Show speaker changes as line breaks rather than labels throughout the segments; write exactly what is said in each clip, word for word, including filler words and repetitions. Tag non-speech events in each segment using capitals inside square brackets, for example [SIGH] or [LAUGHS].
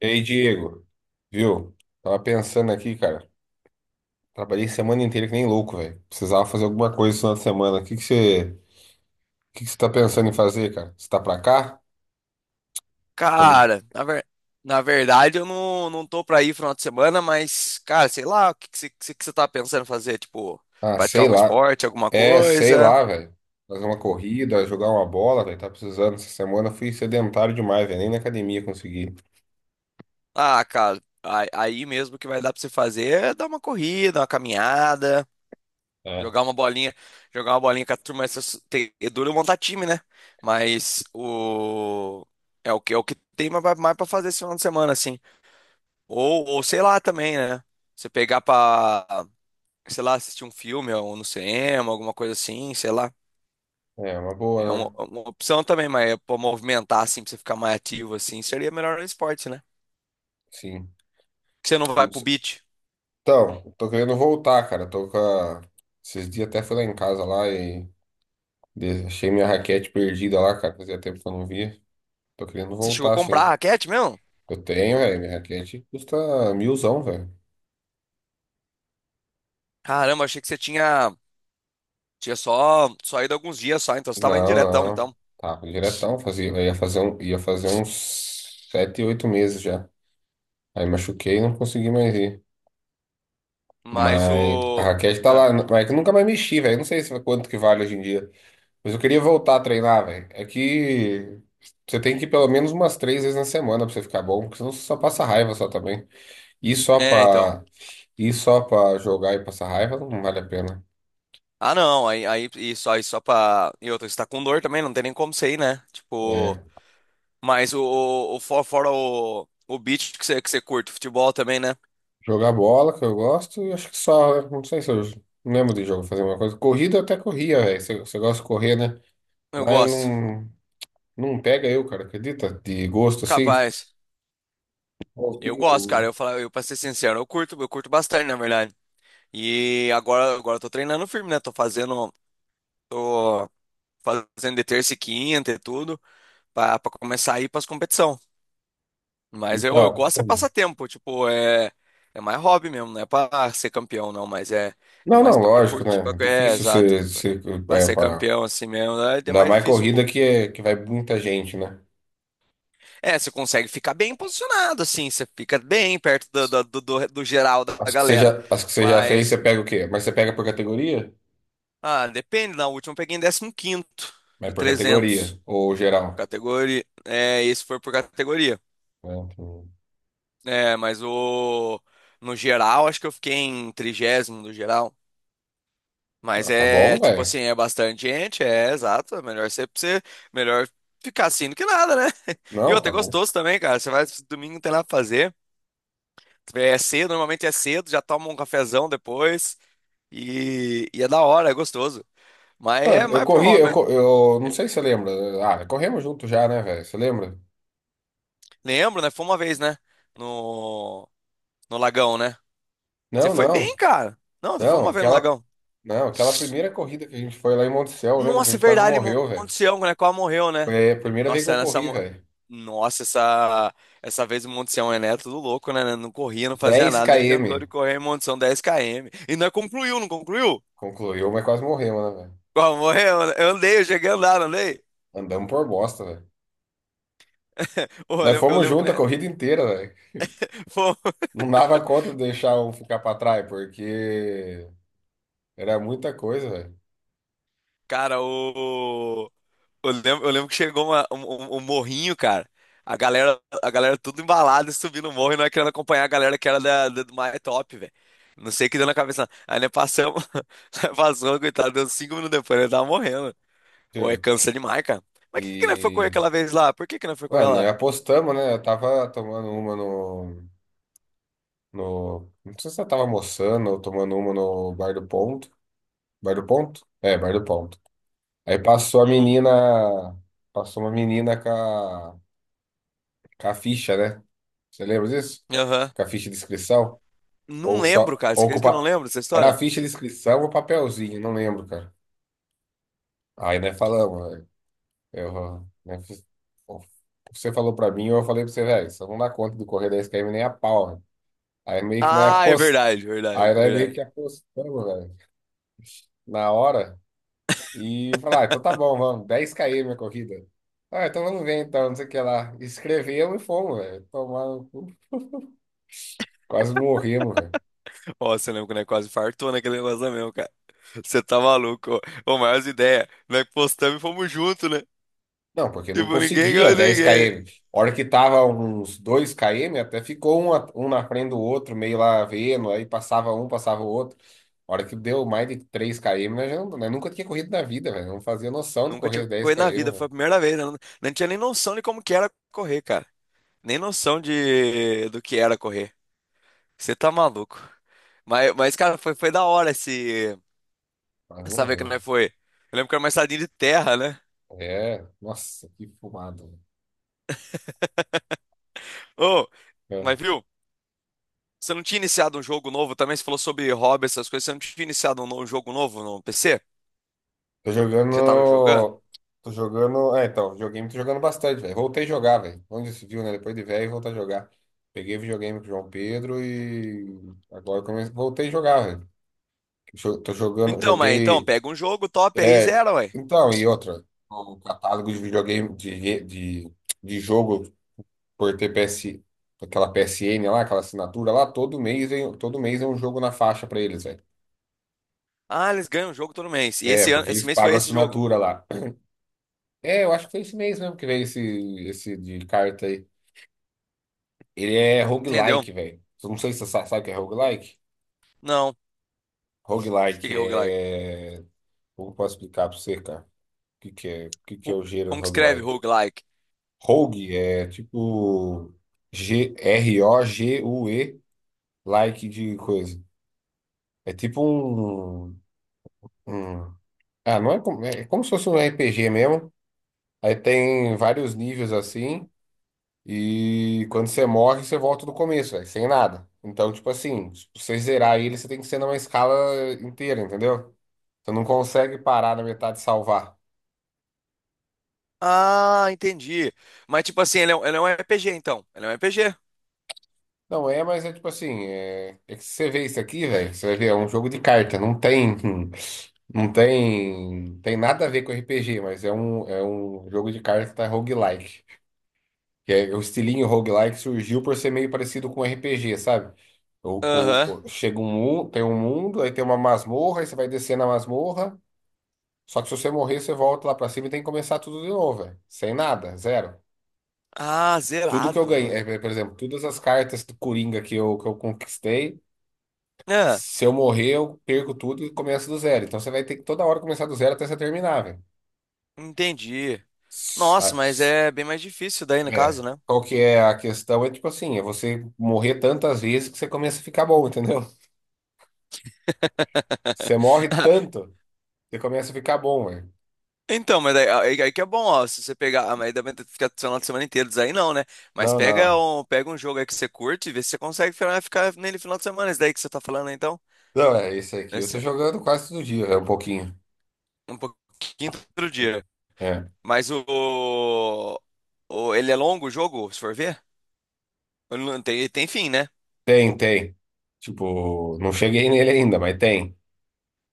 E aí, Diego, viu? Tava pensando aqui, cara. Trabalhei semana inteira que nem louco, velho. Precisava fazer alguma coisa esse final de semana. O que que você, o que que você tá pensando em fazer, cara? Você tá pra cá? Tô-
Cara, na, ver- na verdade eu não, não tô pra ir final de semana, mas, cara, sei lá, o que que você que que você tá pensando em fazer? Tipo,
Ah,
praticar
sei
algum
lá.
esporte, alguma
É, sei
coisa?
lá, velho. Fazer uma corrida, jogar uma bola, velho. Tá precisando. Essa semana eu fui sedentário demais, velho. Nem na academia consegui.
Ah, cara, aí, aí mesmo que vai dar pra você fazer é dar uma corrida, uma caminhada,
É.
jogar uma bolinha, jogar uma bolinha com a turma. Essas, tem, é duro montar time, né? Mas o. É o que, é o que tem mais pra mais pra fazer esse final de semana, assim. Ou, ou sei lá também, né? Você pegar pra, sei lá, assistir um filme ou no cinema, alguma coisa assim, sei lá.
É, uma
É uma,
boa, né?
é uma opção também, mas é pra movimentar, assim, pra você ficar mais ativo, assim, seria melhor no esporte, né?
Sim.
Você não vai
Não
pro
sei-
beach.
Então, eu tô querendo voltar, cara. Tô com a... Esses dias até fui lá em casa lá e De- achei minha raquete perdida lá, cara. Fazia tempo que eu não via. Tô querendo
Você chegou a
voltar,
comprar a
sim.
raquete mesmo?
Eu tenho, velho. Minha raquete custa milzão, velho.
Caramba, achei que você tinha, tinha só, só ido alguns dias só, então você tava indo
Não,
diretão,
não.
então.
Tá, diretão. Fazia, eu ia fazer, um, ia fazer uns sete, oito meses já. Aí machuquei e não consegui mais ir.
Mas
Mas a
o.
raquete tá
ah,
lá. Mas é que eu nunca mais mexi, velho. Não sei se é quanto que vale hoje em dia. Mas eu queria voltar a treinar, velho. É que você tem que ir pelo menos umas três vezes na semana pra você ficar bom, porque senão você só passa raiva só também. E só
É, então.
pra, e só pra jogar e passar raiva não vale a pena.
Ah, não, aí, aí, e só, e só pra. E outra, você tá com dor também, não tem nem como você ir, né? Tipo.
É,
Mas o, o, o fo- fora o, o beat que você, que você curte, futebol também, né?
jogar bola, que eu gosto, eu acho que só, né? Não sei se eu não lembro de jogo fazer uma coisa. Corrida eu até corria, velho. Você você gosta de correr, né?
Eu
Mas
gosto.
não, não pega eu, cara, acredita? De gosto assim.
Capaz. Eu gosto,
Consigo.
cara. Eu falo, eu pra ser sincero, eu curto, eu curto bastante, na verdade. E agora, agora eu tô treinando firme, né? Tô fazendo, tô fazendo de terça e quinta e tudo, pra, pra começar a ir pras competição. Mas eu, eu
Então.
gosto é passatempo, tipo, é, é mais hobby mesmo, não é pra ser campeão, não, mas é, é
Não,
mais
não,
pra
lógico,
curtir, pra,
né?
é,
Difícil
exato.
você,
Pra
você
pra
é,
ser
pra,
campeão assim mesmo, é é
ainda
mais
mais
difícil um
corrida
pouco.
que, é, que vai muita gente, né?
É, você consegue ficar bem posicionado, assim, você fica bem perto do, do, do, do- do geral da da
As que você
galera.
já, as que você já fez, você
Mas,
pega o quê? Mas você pega por categoria?
ah, depende, na última eu peguei em décimo quinto
Mas
de
por categoria,
trezentos,
ou geral?
categoria, é, esse foi por categoria.
Né? Então,
É, mas o, no geral, acho que eu fiquei em trigésimo no geral.
ah,
Mas
tá bom,
é, tipo
velho.
assim, é bastante gente, é, exato, é melhor você, você- melhor ficar assim do que nada, né? [LAUGHS] E
Não,
outra,
tá
é
bom.
gostoso também, cara, você vai, domingo não tem nada pra fazer. É cedo, normalmente é cedo, já toma um cafezão depois. E, e é da hora, é gostoso. Mas
Ah,
é
eu
mais por
corri,
hobby.
eu,
mas-
co- Eu não
é,
sei se você lembra. Ah, corremos junto já, né, velho? Você lembra?
Lembro, né? Foi uma vez, né? No, no Lagão, né? Você
Não,
foi bem,
não.
cara. Não, você foi
Não,
uma vez no
aquela.
Lagão.
Não, aquela primeira corrida que a gente foi lá em Monticello, lembra que a
Nossa, é
gente quase
verdade, Mon-
morreu, velho?
Monte Sião, né? Quase morreu, né?
Foi a primeira vez que
Nossa, é
eu
nessa.
corri,
mo-
velho.
Nossa, essa, essa vez o Monte Sião é neto, tudo louco, né? Né, não corria, não fazia
dez
nada, nem inventou
km.
de correr em Monte Sião dez quilômetros. E não concluiu, não concluiu?
Concluiu, mas quase morremos, né, velho?
Quase morreu, né? eu andei, eu cheguei a andar, não andei.
Andamos por bosta, velho.
Ô, eu
Nós
lembro, eu
fomos
lembro que,
junto a
né?
corrida inteira, velho.
Pô,
Não dava conta de deixar um ficar pra trás, porque era muita coisa, velho.
cara, o. eu lembro, eu lembro que chegou uma- um, um- um morrinho, cara. A galera, a galera tudo embalada, subindo o morro e nós querendo acompanhar a galera que era da, da- do My Top, velho. Não sei o que deu na cabeça. Aí nós passamos, [LAUGHS] nós passamos, coitado, deu cinco minutos depois, ele tava morrendo. Ou é
Entendeu?
cansa demais, cara. Mas por que que nós foi correr
E
aquela vez lá? Por que que nós foi correr
ah, nós
lá?
apostamos, né? Eu tava tomando uma no, no. Não sei se eu tava almoçando ou tomando uma no Bar do Ponto. Bar do Ponto? É, Bar do Ponto. Aí passou a
Uhum.
menina. Passou uma menina com a, com a ficha, né? Você lembra disso?
Aham.
Com a ficha de inscrição?
Não
Ou
lembro,
só.
cara. Você
Ou com o
acredita que eu não
pa-
lembro dessa
Era a
história?
ficha de inscrição ou papelzinho, não lembro, cara. Aí nós falamos, velho. Eu, né, fiz- o que Você falou pra mim, eu falei pra você, velho, só não dá conta do correr dez quilômetros nem a pau. Aí meio que, né,
Ah, é
apost...
verdade, verdade,
Aí nós meio
verdade.
que apostamos, velho, na hora. E falar, ah, então tá bom, vamos, dez km a corrida. Ah, então vamos ver então, não sei o que lá. Escrevemos e fomos, velho. Tomaram, no cu. Quase morremos, velho.
Ó, você lembra quando é quase fartou naquele negócio lá mesmo, cara. Você tá maluco, ó. Ô, maiores ideia. Nós postamos e fomos juntos, né?
Não, porque não
Tipo, ninguém
conseguia
ganhou de
dez
ninguém.
km A hora que tava uns dois km até ficou um, a- um na frente do outro, meio lá vendo, aí passava um, passava o outro. A hora que deu mais de três km nós, já não- nós nunca tinha corrido na vida, velho. Não fazia noção de
Nunca
correr
tinha
dez
corrido
km
na vida, foi a
velho.
primeira vez, né? Não, não tinha nem noção de como que era correr, cara. Nem noção de do que era correr. Você tá maluco. Mas, mas cara, foi, foi da hora esse...
Quase
essa vez que
morremos.
nós foi. Eu lembro que era uma estradinha de terra, né?
É, nossa, que fumado.
Ô,
É.
mas viu? Você não tinha iniciado um jogo novo também? Você falou sobre hobby, essas coisas. Você não tinha iniciado um no- um jogo novo no P C?
Tô
que você tava jogando?
jogando. Tô jogando. É, então, videogame tô jogando bastante, velho. Voltei a jogar, velho. Onde se viu, né? Depois de velho, voltar a jogar. Peguei videogame com o João Pedro e agora eu comecei... voltei a jogar, velho. Jo- Tô jogando,
Então, mas então,
joguei.
pega um jogo top aí,
É,
zero, ué.
então, e outra. O catálogo de videogame, de, re- de, de jogo por T P S, aquela P S N lá, aquela assinatura lá, todo mês, vem- todo mês é um jogo na faixa pra eles, velho.
Ah, eles ganham um jogo todo mês. E
É,
esse ano,
porque
esse
eles
mês foi
pagam
esse jogo.
assinatura lá. É, eu acho que foi esse mês mesmo que veio esse, esse de carta aí. Ele é
Entendeu?
roguelike, velho. Eu não sei se você sa- sabe o que é roguelike.
Não. O que
Roguelike
que é roguelike?
é. Como posso explicar pra você, cara? O que que é, o que que é
Ru-
o gênero
Como que escreve
roguelike?
roguelike?
Rogue é tipo G R-O-G-U-E, like de coisa. É tipo um, um- Ah, não é como... é como se fosse um R P G mesmo. Aí tem vários níveis assim. E quando você morre, você volta do começo, velho, sem nada. Então, tipo assim, se você zerar ele, você tem que ser numa escala inteira, entendeu? Você não consegue parar na metade e salvar.
Ah, entendi. Mas tipo assim, ele é, um- ele é um R P G, então. Ele é um R P G.
Não é, mas é tipo assim, é, é que se você vê isso aqui, velho, você vai ver, é um jogo de carta, não tem, [LAUGHS] não tem, tem nada a ver com R P G, mas é um, é um jogo de carta roguelike. Que é, o estilinho roguelike surgiu por ser meio parecido com R P G, sabe? O,
Aham.
o, o- chega um mundo, tem um mundo, aí tem uma masmorra, aí você vai descer na masmorra. Só que se você morrer, você volta lá pra cima e tem que começar tudo de novo, velho. Sem nada, zero.
Ah,
Tudo que eu
zerado,
ganhei, é,
mano.
é, por exemplo, todas as cartas do Coringa que eu, que eu conquistei,
É,
se eu morrer, eu perco tudo e começo do zero. Então você vai ter que toda hora começar do zero até você terminar, velho.
entendi.
S- a-
Nossa, mas
s-
é bem mais difícil daí no
É.
caso, né?
Qual que é a questão? É tipo assim, é você morrer tantas vezes que você começa a ficar bom, [LAUGHS] entendeu? Você morre
[LAUGHS]
tanto, você começa a ficar bom, velho.
Então, mas aí, aí- aí que é bom, ó. Se você pegar. ah, Mas aí dá pra ficar do final de semana inteiro, isso aí não, né? Mas
Não,
pega
não.
um, pega um jogo aí que você curte e vê se você consegue ficar ficar nele final de semana. Isso daí que você tá falando, né, então.
Não, é esse aqui. Eu tô
Esse,
jogando quase todo dia, é um pouquinho.
um pouquinho do outro dia.
É.
Mas o, o- Ele é longo o jogo, se for ver? Ele não Tem, tem fim, né?
Tem, tem. Tipo, não cheguei nele ainda, mas tem.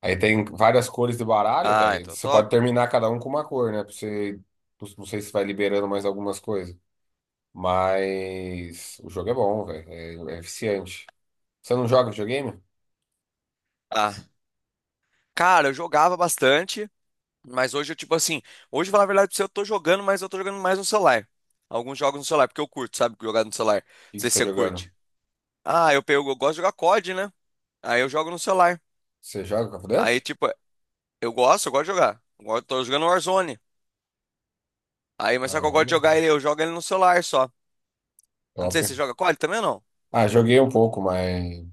Aí tem várias cores de baralho,
Ah,
velho.
então
Você
top.
pode terminar cada um com uma cor, né? Pra você... Não sei se vai liberando mais algumas coisas. Mas o jogo é bom, velho. É, é eficiente. Você não joga videogame? O
Ah, cara, eu jogava bastante, mas hoje eu, tipo assim. Hoje, pra falar a verdade pra você, eu tô jogando, mas eu tô jogando mais no celular. Alguns jogos no celular, porque eu curto, sabe? Jogar no celular. Não
que que
sei
você
se
tá
você
jogando?
curte. Ah, eu pego, eu gosto de jogar C O D, né? Aí eu jogo no celular.
Você joga Call of
Aí,
Duty?
tipo, eu gosto, eu gosto de jogar. Agora eu tô jogando Warzone. Aí, mas só que eu gosto de
Caramba,
jogar ele, eu jogo ele no celular só. Eu não
top.
sei se você joga cód também ou não.
Ah, joguei um pouco, mas.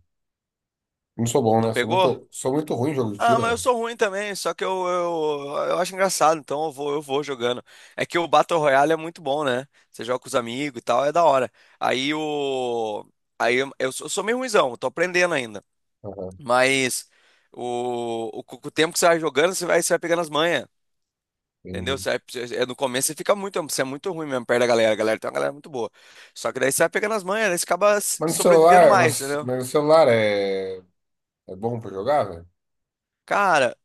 Não sou bom,
Não
né? Sou
pegou?
muito, sou muito ruim em jogo de
Ah,
tiro,
mas eu
velho.
sou ruim também, só que eu, eu, eu acho engraçado, então eu vou, eu vou jogando. É que o Battle Royale é muito bom, né? Você joga com os amigos e tal, é da hora. Aí o. Aí eu, eu sou eu sou meio ruinzão, eu tô aprendendo ainda.
Aham,
Mas o, o, com o tempo que você vai jogando, você vai, você vai pegando as manhas. Entendeu?
entendi.
Você vai- você- é, no começo você fica muito, você é muito ruim mesmo perto da galera. A galera tem uma galera muito boa. Só que daí você vai pegando as manhas, daí você acaba s-
Mas no
sobrevivendo
celular,
mais,
mas,
entendeu?
mas no celular é, é bom pra jogar, velho?
Cara,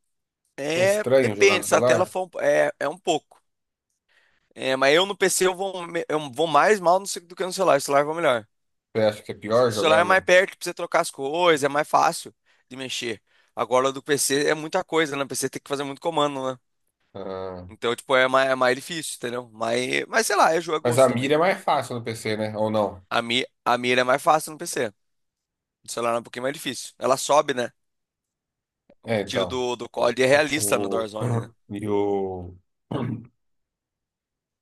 Não é
é,
estranho jogar no
depende, se a tela
celular?
for, um- é, é um pouco. É, mas eu no P C eu vou, me- eu vou mais mal no ce- do que no celular, o celular vai melhor.
Você acha que é pior
O celular
jogar
é mais
no.
perto pra você trocar as coisas, é mais fácil de mexer. Agora do P C é muita coisa, né? O P C tem que fazer muito comando, né?
Ah,
Então, tipo, é mais, é mais difícil, entendeu? Mas, mas sei lá, é jogo, é
mas a
gosto também.
mira é mais fácil no P C, né? Ou não?
A, mi, a mira é mais fácil no P C. No celular é um pouquinho mais difícil. Ela sobe, né? O
É,
tiro
então.
do, do
O,
cód é
o,
realista no
o-
Warzone, né?
[CLEARS THROAT] e o,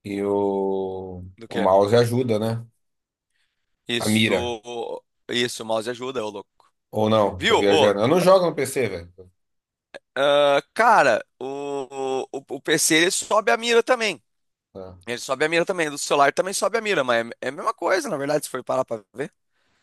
e o,
Do
o
quê?
mouse ajuda, né? A
Isso,
mira.
do. Isso, o mouse ajuda, ô louco.
Ou não? Tô
Viu? Ô,
viajando. Eu não
tá-
jogo no P C, velho.
ah, cara, o, o, o P C ele sobe a mira também.
Ah,
Ele sobe a mira também. Do celular também sobe a mira, mas é, é a mesma coisa, na verdade, se for parar pra ver.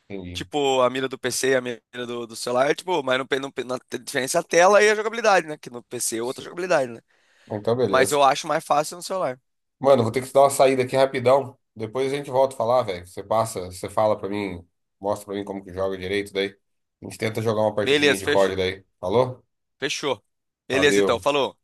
entendi.
Tipo, a mira do P C e a mira do, do celular, tipo, mas no, pe- no, pe- na a diferença é a tela e a jogabilidade, né? Que no P C é outra
Sim.
jogabilidade, né?
Então,
Mas
beleza.
eu acho mais fácil no celular.
Mano, vou ter que dar uma saída aqui rapidão. Depois a gente volta a falar, velho. Você passa, você fala pra mim, mostra pra mim como que joga direito daí. A gente tenta jogar uma partidinha
Beleza,
de
fechou.
códi daí. Falou?
Fechou. Beleza, então.
Valeu.
Falou.